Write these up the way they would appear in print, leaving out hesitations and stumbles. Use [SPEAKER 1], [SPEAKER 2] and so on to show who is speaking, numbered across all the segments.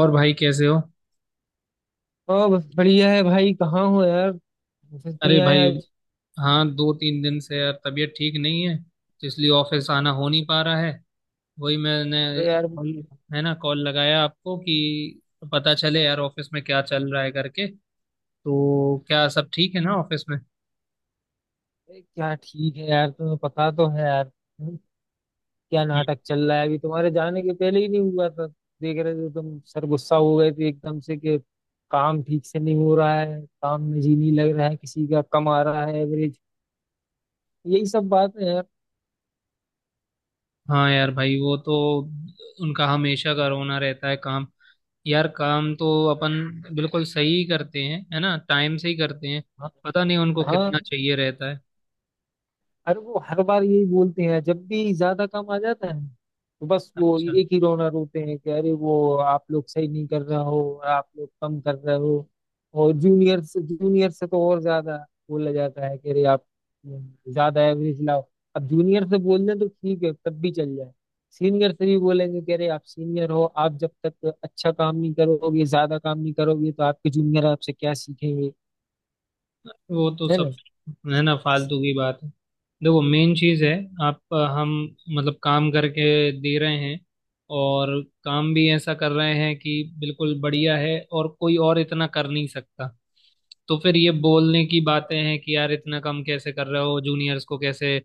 [SPEAKER 1] और भाई कैसे हो।
[SPEAKER 2] हाँ बस बढ़िया है भाई। कहाँ हो यार? ऑफिस
[SPEAKER 1] अरे
[SPEAKER 2] नहीं आया
[SPEAKER 1] भाई,
[SPEAKER 2] आज?
[SPEAKER 1] हाँ दो तीन दिन से यार तबीयत ठीक नहीं है तो इसलिए ऑफिस आना हो नहीं पा रहा है। वही मैंने
[SPEAKER 2] अरे यार।
[SPEAKER 1] कॉल- है ना कॉल लगाया आपको कि पता चले यार ऑफिस में क्या चल रहा है करके। तो क्या सब ठीक है ना ऑफिस में।
[SPEAKER 2] अरे क्या ठीक है यार, तुम्हें पता तो है यार। हम्म, क्या
[SPEAKER 1] हम्म।
[SPEAKER 2] नाटक चल रहा है, अभी तुम्हारे जाने के पहले ही नहीं हुआ था? देख रहे थे तुम, सर गुस्सा हो गए थे एकदम से कि काम ठीक से नहीं हो रहा है, काम में जी नहीं लग रहा है, किसी का कम आ रहा है एवरेज। यही सब बात है यार।
[SPEAKER 1] हाँ यार भाई वो तो उनका हमेशा का रोना रहता है काम। यार काम तो अपन बिल्कुल सही करते हैं, है ना, टाइम से ही करते हैं।
[SPEAKER 2] हाँ।
[SPEAKER 1] पता नहीं उनको कितना
[SPEAKER 2] हाँ,
[SPEAKER 1] चाहिए रहता है।
[SPEAKER 2] अरे वो हर बार यही बोलते हैं जब भी ज्यादा काम आ जाता है, तो बस वो
[SPEAKER 1] अच्छा।
[SPEAKER 2] एक ही रोना रोते हैं कि अरे वो आप लोग सही नहीं कर रहे हो, आप लोग कम कर रहे हो। और जूनियर से, जूनियर से तो और ज्यादा बोला जाता है कि अरे आप ज्यादा एवरेज लाओ। अब जूनियर से बोल दें तो ठीक है, तब भी चल जाए, सीनियर से भी बोलेंगे कि अरे आप सीनियर हो, आप जब तक अच्छा काम नहीं करोगे, ज्यादा काम नहीं करोगे तो आपके जूनियर आपसे क्या सीखेंगे?
[SPEAKER 1] वो तो सब
[SPEAKER 2] है
[SPEAKER 1] है ना फालतू की बात है। देखो मेन चीज है, आप, हम, मतलब काम करके दे रहे हैं और काम भी ऐसा कर रहे हैं कि बिल्कुल बढ़िया है और कोई और इतना कर नहीं सकता। तो फिर ये बोलने की बातें हैं कि यार इतना कम कैसे कर रहे हो, जूनियर्स को कैसे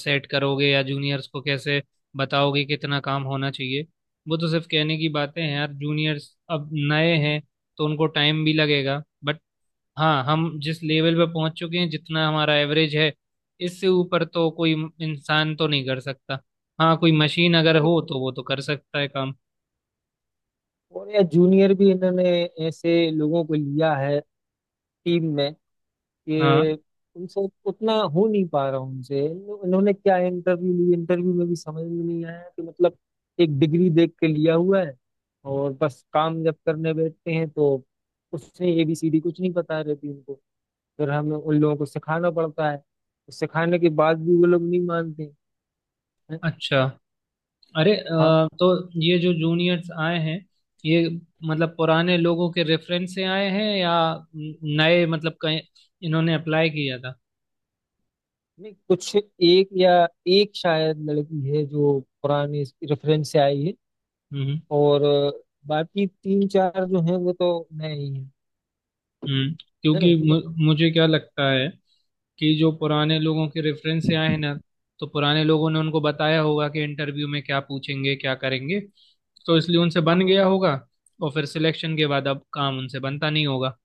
[SPEAKER 1] सेट करोगे, या जूनियर्स को कैसे बताओगे कितना काम होना चाहिए। वो तो सिर्फ कहने की बातें हैं यार, जूनियर्स अब नए हैं तो उनको टाइम भी लगेगा, बट हाँ, हम जिस लेवल पे पहुंच चुके हैं, जितना हमारा एवरेज है, इससे ऊपर तो कोई इंसान तो नहीं कर सकता। हाँ कोई मशीन अगर
[SPEAKER 2] ना।
[SPEAKER 1] हो तो वो तो कर सकता है काम।
[SPEAKER 2] और या जूनियर भी इन्होंने ऐसे लोगों को लिया है टीम में
[SPEAKER 1] हाँ।
[SPEAKER 2] कि उनसे उतना हो नहीं पा रहा उनसे इन्होंने क्या इंटरव्यू ली, इंटरव्यू में भी समझ में नहीं आया कि मतलब एक डिग्री देख के लिया हुआ है, और बस काम जब करने बैठते हैं तो उसने एबीसीडी कुछ नहीं पता रहती उनको। फिर हमें उन लोगों को सिखाना पड़ता है, तो सिखाने के बाद भी वो लोग नहीं मानते हैं।
[SPEAKER 1] अच्छा। अरे
[SPEAKER 2] हाँ।
[SPEAKER 1] तो ये जो जूनियर्स आए हैं, ये मतलब पुराने लोगों के रेफरेंस से आए हैं या नए, मतलब कहीं इन्होंने अप्लाई किया था।
[SPEAKER 2] नहीं, कुछ एक या एक शायद लड़की है जो पुराने रेफरेंस से आई है,
[SPEAKER 1] हम्म।
[SPEAKER 2] और बाकी तीन चार जो हैं वो तो नए ही हैं,
[SPEAKER 1] हम्म।
[SPEAKER 2] है
[SPEAKER 1] क्योंकि
[SPEAKER 2] ना।
[SPEAKER 1] मुझे क्या लगता है कि जो पुराने लोगों के रेफरेंस से आए हैं ना, तो पुराने लोगों ने उनको बताया होगा कि इंटरव्यू में क्या पूछेंगे क्या करेंगे, तो इसलिए उनसे बन गया
[SPEAKER 2] हाँ।
[SPEAKER 1] होगा। और फिर सिलेक्शन के बाद अब काम उनसे बनता नहीं होगा।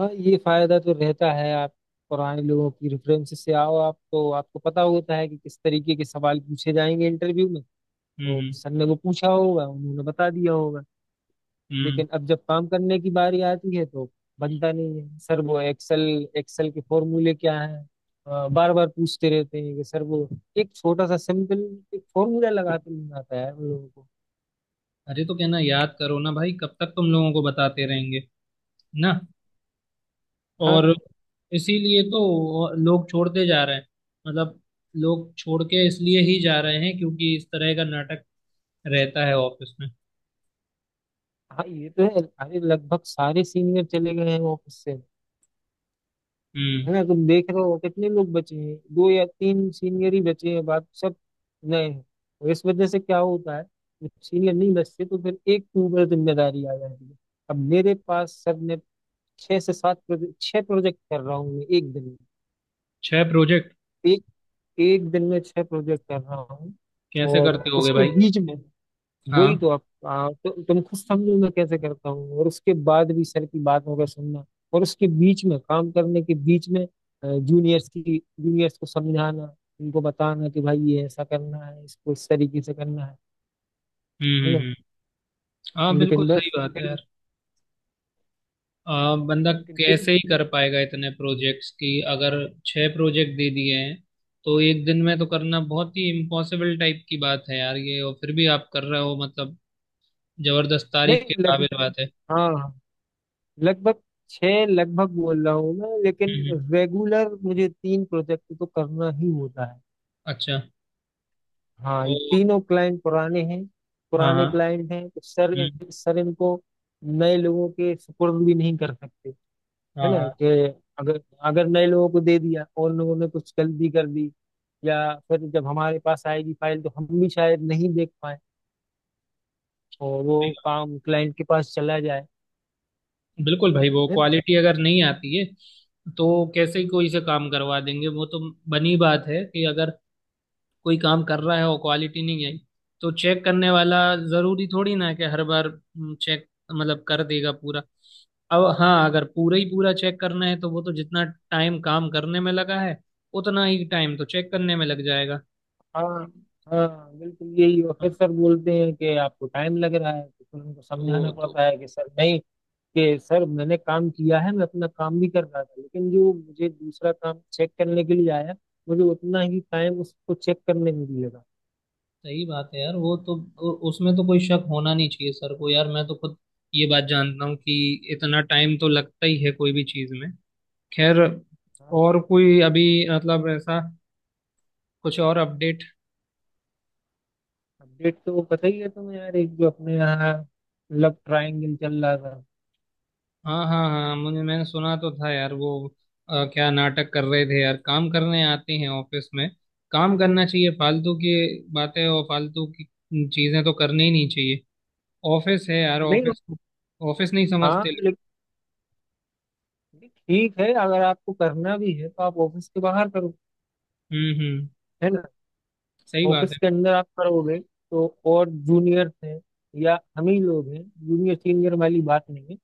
[SPEAKER 2] हाँ ये फायदा तो रहता है, आप पुराने लोगों की रेफरेंस से आओ, आप तो आपको पता होता है कि किस तरीके के सवाल पूछे जाएंगे इंटरव्यू में।
[SPEAKER 1] हम्म।
[SPEAKER 2] तो
[SPEAKER 1] हम्म।
[SPEAKER 2] सर ने वो पूछा होगा, उन्होंने बता दिया होगा।
[SPEAKER 1] हम्म।
[SPEAKER 2] लेकिन अब जब काम करने की बारी आती है तो बनता नहीं है। सर वो एक्सेल एक्सेल के फॉर्मूले क्या है बार बार पूछते रहते हैं कि सर वो एक छोटा सा सिंपल एक फॉर्मूला लगाते नहीं आता है उन लोगों को।
[SPEAKER 1] अरे तो कहना याद करो ना भाई, कब तक तुम लोगों को बताते रहेंगे। ना।
[SPEAKER 2] हाँ।
[SPEAKER 1] और इसीलिए तो लोग छोड़ते जा रहे हैं। मतलब लोग छोड़ के इसलिए ही जा रहे हैं क्योंकि इस तरह का नाटक रहता है ऑफिस में।
[SPEAKER 2] हाँ ये तो है, अरे लगभग सारे सीनियर चले गए हैं ऑफिस से।
[SPEAKER 1] हम्म।
[SPEAKER 2] है ना, तुम देख रहे हो कितने लोग बचे हैं? दो या तीन सीनियर ही बचे हैं, बाकी सब नए हैं। और इस वजह से क्या होता है, जब सीनियर नहीं बचते तो फिर एक के ऊपर जिम्मेदारी आ जाती है। अब मेरे पास सर ने छह से सात प्रोजेक्ट, छह प्रोजेक्ट कर रहा हूँ मैं एक दिन
[SPEAKER 1] छह प्रोजेक्ट?
[SPEAKER 2] में, एक एक दिन में छह प्रोजेक्ट कर रहा हूँ।
[SPEAKER 1] कैसे
[SPEAKER 2] और
[SPEAKER 1] करते होगे
[SPEAKER 2] उसके
[SPEAKER 1] भाई।
[SPEAKER 2] बीच में, वही तो।
[SPEAKER 1] हाँ।
[SPEAKER 2] आप तुम खुद समझो मैं कैसे करता हूँ और उसके बाद भी सर की बात होकर सुनना। और उसके बीच में, काम करने के बीच में, जूनियर्स को समझाना, उनको बताना कि भाई ये ऐसा करना है, इसको इस तरीके से करना है
[SPEAKER 1] हम्म।
[SPEAKER 2] है ना।
[SPEAKER 1] हाँ बिल्कुल
[SPEAKER 2] लेकिन बस
[SPEAKER 1] सही बात है
[SPEAKER 2] फिर
[SPEAKER 1] यार। बंदा
[SPEAKER 2] लेकिन फिर,
[SPEAKER 1] कैसे ही कर पाएगा इतने प्रोजेक्ट्स की। अगर छह प्रोजेक्ट दे दिए हैं तो एक दिन में तो करना बहुत ही इम्पॉसिबल टाइप की बात है यार ये, और फिर भी आप कर रहे हो, मतलब जबरदस्त
[SPEAKER 2] नहीं
[SPEAKER 1] तारीफ के
[SPEAKER 2] लग
[SPEAKER 1] काबिल बात है।
[SPEAKER 2] हाँ लगभग छह, लगभग बोल रहा हूँ मैं, लेकिन
[SPEAKER 1] हम्म। हम्म।
[SPEAKER 2] रेगुलर मुझे तीन प्रोजेक्ट तो करना ही होता है।
[SPEAKER 1] अच्छा।
[SPEAKER 2] हाँ,
[SPEAKER 1] ओ।
[SPEAKER 2] ये तीनों क्लाइंट पुराने हैं।
[SPEAKER 1] हाँ
[SPEAKER 2] पुराने
[SPEAKER 1] हाँ।
[SPEAKER 2] क्लाइंट हैं तो सर
[SPEAKER 1] हम्म।
[SPEAKER 2] सर इनको नए लोगों के सुपुर्द भी नहीं कर सकते, है
[SPEAKER 1] हाँ
[SPEAKER 2] ना।
[SPEAKER 1] हाँ।
[SPEAKER 2] कि अगर अगर नए लोगों को दे दिया और लोगों ने कुछ गलती कर दी, या फिर जब हमारे पास आएगी फाइल तो हम भी शायद नहीं देख पाए, और वो
[SPEAKER 1] सही बात।
[SPEAKER 2] काम क्लाइंट के पास चला जाए,
[SPEAKER 1] बिल्कुल भाई, वो
[SPEAKER 2] है ना।
[SPEAKER 1] क्वालिटी अगर नहीं आती है तो कैसे ही कोई से काम करवा देंगे, वो तो बनी बात है कि अगर कोई काम कर रहा है और क्वालिटी नहीं आई तो चेक करने वाला जरूरी थोड़ी ना है कि हर बार चेक मतलब कर देगा पूरा। अब हाँ, अगर पूरा ही पूरा चेक करना है तो वो तो जितना टाइम काम करने में लगा है, उतना ही टाइम तो चेक करने में लग जाएगा।
[SPEAKER 2] हाँ। हाँ बिल्कुल यही, और फिर सर बोलते हैं कि आपको टाइम लग रहा है, तो फिर उनको
[SPEAKER 1] वो
[SPEAKER 2] समझाना
[SPEAKER 1] तो
[SPEAKER 2] पड़ता है कि सर नहीं, कि सर मैंने काम किया है, मैं अपना काम भी कर रहा था, लेकिन जो मुझे दूसरा काम चेक करने के लिए आया मुझे उतना ही टाइम उसको चेक करने में भी लगा।
[SPEAKER 1] सही बात है यार, वो तो। उसमें तो कोई शक होना नहीं चाहिए सर को यार, मैं तो खुद ये बात जानता हूँ कि इतना टाइम तो लगता ही है कोई भी चीज़ में। खैर, और कोई अभी मतलब ऐसा कुछ और अपडेट।
[SPEAKER 2] अपडेट तो पता ही है तुम्हें यार, एक जो अपने यहाँ लव ट्रायंगल चल रहा था।
[SPEAKER 1] हाँ हाँ हाँ, मुझे, मैंने सुना तो था यार वो। क्या नाटक कर रहे थे यार, काम करने आते हैं ऑफिस में, काम करना चाहिए। फालतू की बातें और फालतू की चीजें तो करनी ही नहीं चाहिए। ऑफिस है यार,
[SPEAKER 2] नहीं।
[SPEAKER 1] ऑफिस को ऑफिस नहीं समझते
[SPEAKER 2] हाँ
[SPEAKER 1] लोग।
[SPEAKER 2] लेकिन, ठीक है अगर आपको करना भी है तो आप ऑफिस के बाहर करो,
[SPEAKER 1] हम्म। हम्म।
[SPEAKER 2] है ना।
[SPEAKER 1] सही बात
[SPEAKER 2] ऑफिस के
[SPEAKER 1] है।
[SPEAKER 2] अंदर आप करोगे तो, और जूनियर हैं या हम ही लोग हैं, जूनियर सीनियर वाली बात नहीं है,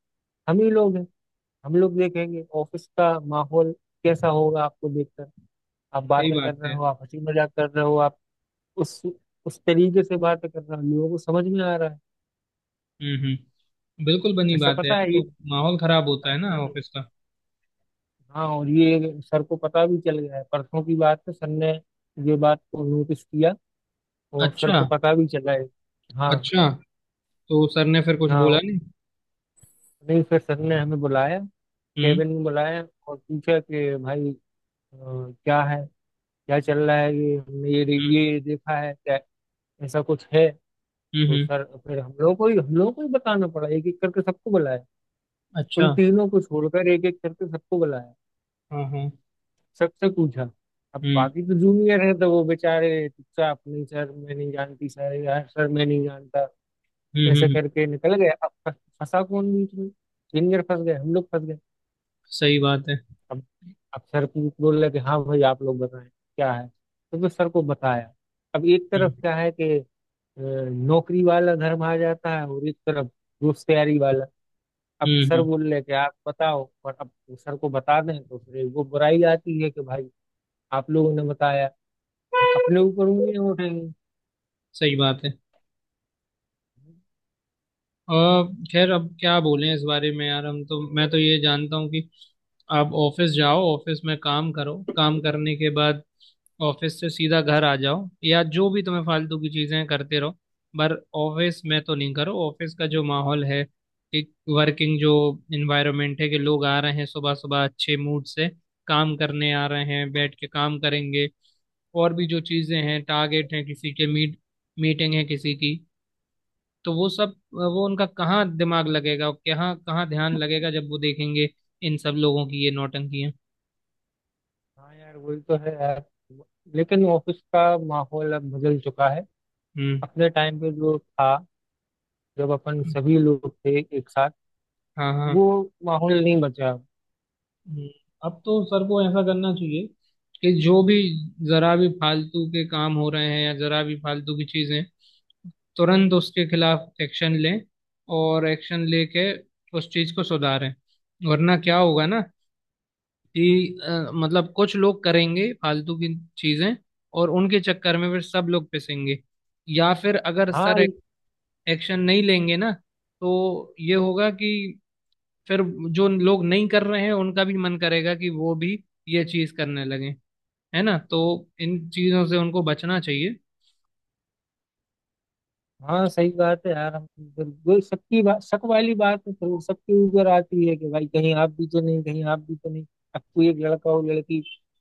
[SPEAKER 2] हम ही लोग हैं, हम लोग देखेंगे ऑफिस का माहौल कैसा होगा आपको देखकर। आप
[SPEAKER 1] सही
[SPEAKER 2] बातें
[SPEAKER 1] बात
[SPEAKER 2] कर रहे
[SPEAKER 1] है।
[SPEAKER 2] हो, आप हंसी मजाक कर रहे हो, आप उस उस तरीके से बातें कर रहे हो, लोगों को समझ में आ रहा है।
[SPEAKER 1] हम्म। हम्म। बिल्कुल बनी
[SPEAKER 2] ऐसा
[SPEAKER 1] बात है
[SPEAKER 2] पता
[SPEAKER 1] यार,
[SPEAKER 2] है ये।
[SPEAKER 1] तो माहौल खराब
[SPEAKER 2] अ,
[SPEAKER 1] होता है ना
[SPEAKER 2] अ,
[SPEAKER 1] ऑफिस का।
[SPEAKER 2] हाँ, और ये सर को पता भी चल गया है, परसों की बात है, सर ने ये बात को नोटिस किया और सर को
[SPEAKER 1] अच्छा।
[SPEAKER 2] पता भी चला है। हाँ
[SPEAKER 1] अच्छा, तो सर ने फिर कुछ बोला
[SPEAKER 2] हाँ।
[SPEAKER 1] नहीं।
[SPEAKER 2] नहीं, फिर सर ने हमें बुलाया,
[SPEAKER 1] हम्म।
[SPEAKER 2] केबिन में बुलाया, और पूछा कि भाई, अ, क्या है, क्या चल रहा है ये, हमने
[SPEAKER 1] हम्म।
[SPEAKER 2] ये देखा है, क्या ऐसा कुछ है।
[SPEAKER 1] हम्म।
[SPEAKER 2] तो सर फिर हम लोगों को ही बताना पड़ा, एक एक करके सबको बुलाया,
[SPEAKER 1] अच्छा।
[SPEAKER 2] उन तीनों को छोड़कर एक एक करके सबको बुलाया,
[SPEAKER 1] हाँ हाँ।
[SPEAKER 2] सबसे पूछा। अब
[SPEAKER 1] हम्म।
[SPEAKER 2] बाकी तो जूनियर है तो वो बेचारे चुपचाप, नहीं सर मैं नहीं जानती, सर यार सर मैं नहीं जानता,
[SPEAKER 1] हम्म। हम्म।
[SPEAKER 2] ऐसे करके निकल गए। अब फंसा कौन बीच में? जूनियर फंस गए, हम लोग फंस गए।
[SPEAKER 1] सही बात है।
[SPEAKER 2] अब अब सर पूछ बोल रहे कि हाँ भाई आप लोग बताएं क्या है, तो फिर सर को बताया। अब एक तरफ
[SPEAKER 1] हम्म।
[SPEAKER 2] क्या है कि अ, नौकरी वाला धर्म आ जाता है, और एक तरफ दोस्त यारी वाला। अब
[SPEAKER 1] हम्म।
[SPEAKER 2] सर बोल रहे कि आप बताओ, और अब सर को बता दें तो फिर वो बुराई आती है कि भाई आप लोगों ने बताया, हम अपने ऊपर उंगलियां उठाएंगे।
[SPEAKER 1] सही बात है। और खैर अब क्या बोलें इस बारे में यार, हम तो, मैं तो ये जानता हूँ कि आप ऑफिस जाओ, ऑफिस में काम करो, काम करने के बाद ऑफिस से सीधा घर आ जाओ, या जो भी तुम्हें फालतू की चीजें करते रहो, पर ऑफिस में तो नहीं करो। ऑफिस का जो माहौल है, एक वर्किंग जो इन्वायरमेंट है कि लोग आ रहे हैं सुबह सुबह अच्छे मूड से, काम करने आ रहे हैं, बैठ के काम करेंगे, और भी जो चीजें हैं, टारगेट हैं किसी के, मीटिंग है किसी की, तो वो सब वो उनका कहाँ दिमाग लगेगा और कहाँ कहाँ ध्यान लगेगा जब वो देखेंगे इन सब लोगों की ये नौटंकी है।
[SPEAKER 2] हाँ यार वही तो है यार, लेकिन ऑफिस का माहौल अब बदल चुका है।
[SPEAKER 1] हम्म।
[SPEAKER 2] अपने टाइम पे जो था, जब अपन सभी लोग थे एक साथ,
[SPEAKER 1] हाँ हाँ।
[SPEAKER 2] वो माहौल नहीं बचा अब।
[SPEAKER 1] हम्म, अब तो सर को ऐसा करना चाहिए कि जो भी जरा भी फालतू के काम हो रहे हैं या जरा भी फालतू की चीजें, तुरंत उसके खिलाफ एक्शन लें, और एक्शन लेके उस चीज को सुधारें। वरना क्या होगा ना कि मतलब कुछ लोग करेंगे फालतू की चीजें और उनके चक्कर में फिर सब लोग पिसेंगे। या फिर अगर सर
[SPEAKER 2] हाँ।
[SPEAKER 1] एक्शन नहीं लेंगे ना तो ये होगा कि फिर जो लोग नहीं कर रहे हैं उनका भी मन करेगा कि वो भी ये चीज करने लगे, है ना। तो इन चीजों से उनको बचना चाहिए।
[SPEAKER 2] हाँ सही बात है यार, हम बिल्कुल सबकी बात, शक वाली बात तो फिर सबके ऊपर आती है कि भाई कहीं आप भी तो नहीं, कहीं आप भी तो नहीं। अब कोई एक लड़का हो लड़की,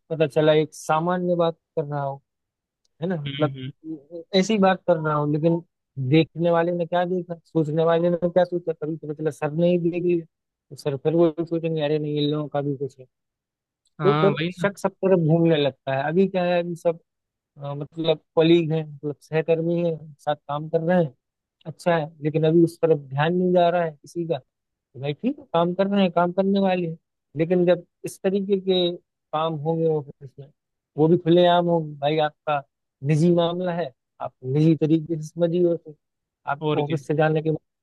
[SPEAKER 2] पता चला एक सामान्य बात कर रहा हो, है ना,
[SPEAKER 1] हम्म।
[SPEAKER 2] मतलब
[SPEAKER 1] हम्म।
[SPEAKER 2] ऐसी बात कर रहा हो, लेकिन देखने वाले ने क्या देखा, सोचने वाले ने क्या सोचा, कभी पता चला सर ने ही देख लिया तो सर फिर वो सोचेंगे अरे नहीं इन लोगों का भी कुछ है। तो
[SPEAKER 1] हाँ
[SPEAKER 2] फिर
[SPEAKER 1] वही ना।
[SPEAKER 2] शक सब तरफ घूमने लगता है। अभी क्या है, अभी सब, मतलब कलीग हैं, मतलब सहकर्मी हैं, साथ काम कर रहे हैं, अच्छा है, लेकिन अभी उस तरफ ध्यान नहीं जा रहा है किसी का, तो भाई ठीक है काम कर रहे हैं, काम करने वाले हैं। लेकिन जब इस तरीके के काम होंगे ऑफिस में, वो भी खुलेआम होंगे, भाई आपका निजी मामला है, आप निजी तरीके से समझिए उसे, आप
[SPEAKER 1] और क्या।
[SPEAKER 2] ऑफिस से जाने के बाद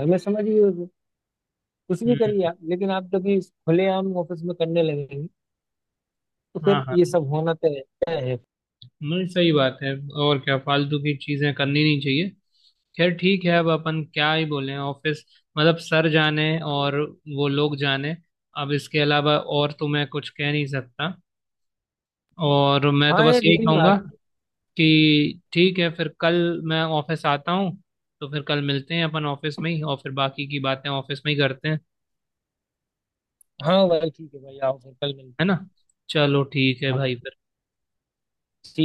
[SPEAKER 2] घर में समझिए उसे, कुछ भी करिए
[SPEAKER 1] हम्म।
[SPEAKER 2] आप, लेकिन आप जब ये खुलेआम ऑफिस में करने लगेंगे तो
[SPEAKER 1] हाँ
[SPEAKER 2] फिर ये
[SPEAKER 1] हाँ।
[SPEAKER 2] सब होना तय तय है।
[SPEAKER 1] नहीं सही बात है, और क्या, फालतू की चीजें करनी नहीं चाहिए। खैर ठीक है, अब अपन क्या ही बोले ऑफिस, मतलब सर जाने और वो लोग जाने। अब इसके अलावा और तो मैं कुछ कह नहीं सकता, और मैं तो
[SPEAKER 2] हाँ
[SPEAKER 1] बस
[SPEAKER 2] ये
[SPEAKER 1] यही
[SPEAKER 2] धीरे
[SPEAKER 1] कहूंगा
[SPEAKER 2] बात है।
[SPEAKER 1] कि ठीक है, फिर कल मैं ऑफिस आता हूँ तो फिर कल मिलते हैं अपन ऑफिस में ही, और फिर बाकी की बातें ऑफिस में ही करते हैं,
[SPEAKER 2] हाँ भाई ठीक है भाई, आओ फिर कल
[SPEAKER 1] है
[SPEAKER 2] मिलते
[SPEAKER 1] ना।
[SPEAKER 2] हैं।
[SPEAKER 1] चलो ठीक है
[SPEAKER 2] हाँ।
[SPEAKER 1] भाई।
[SPEAKER 2] ठीक।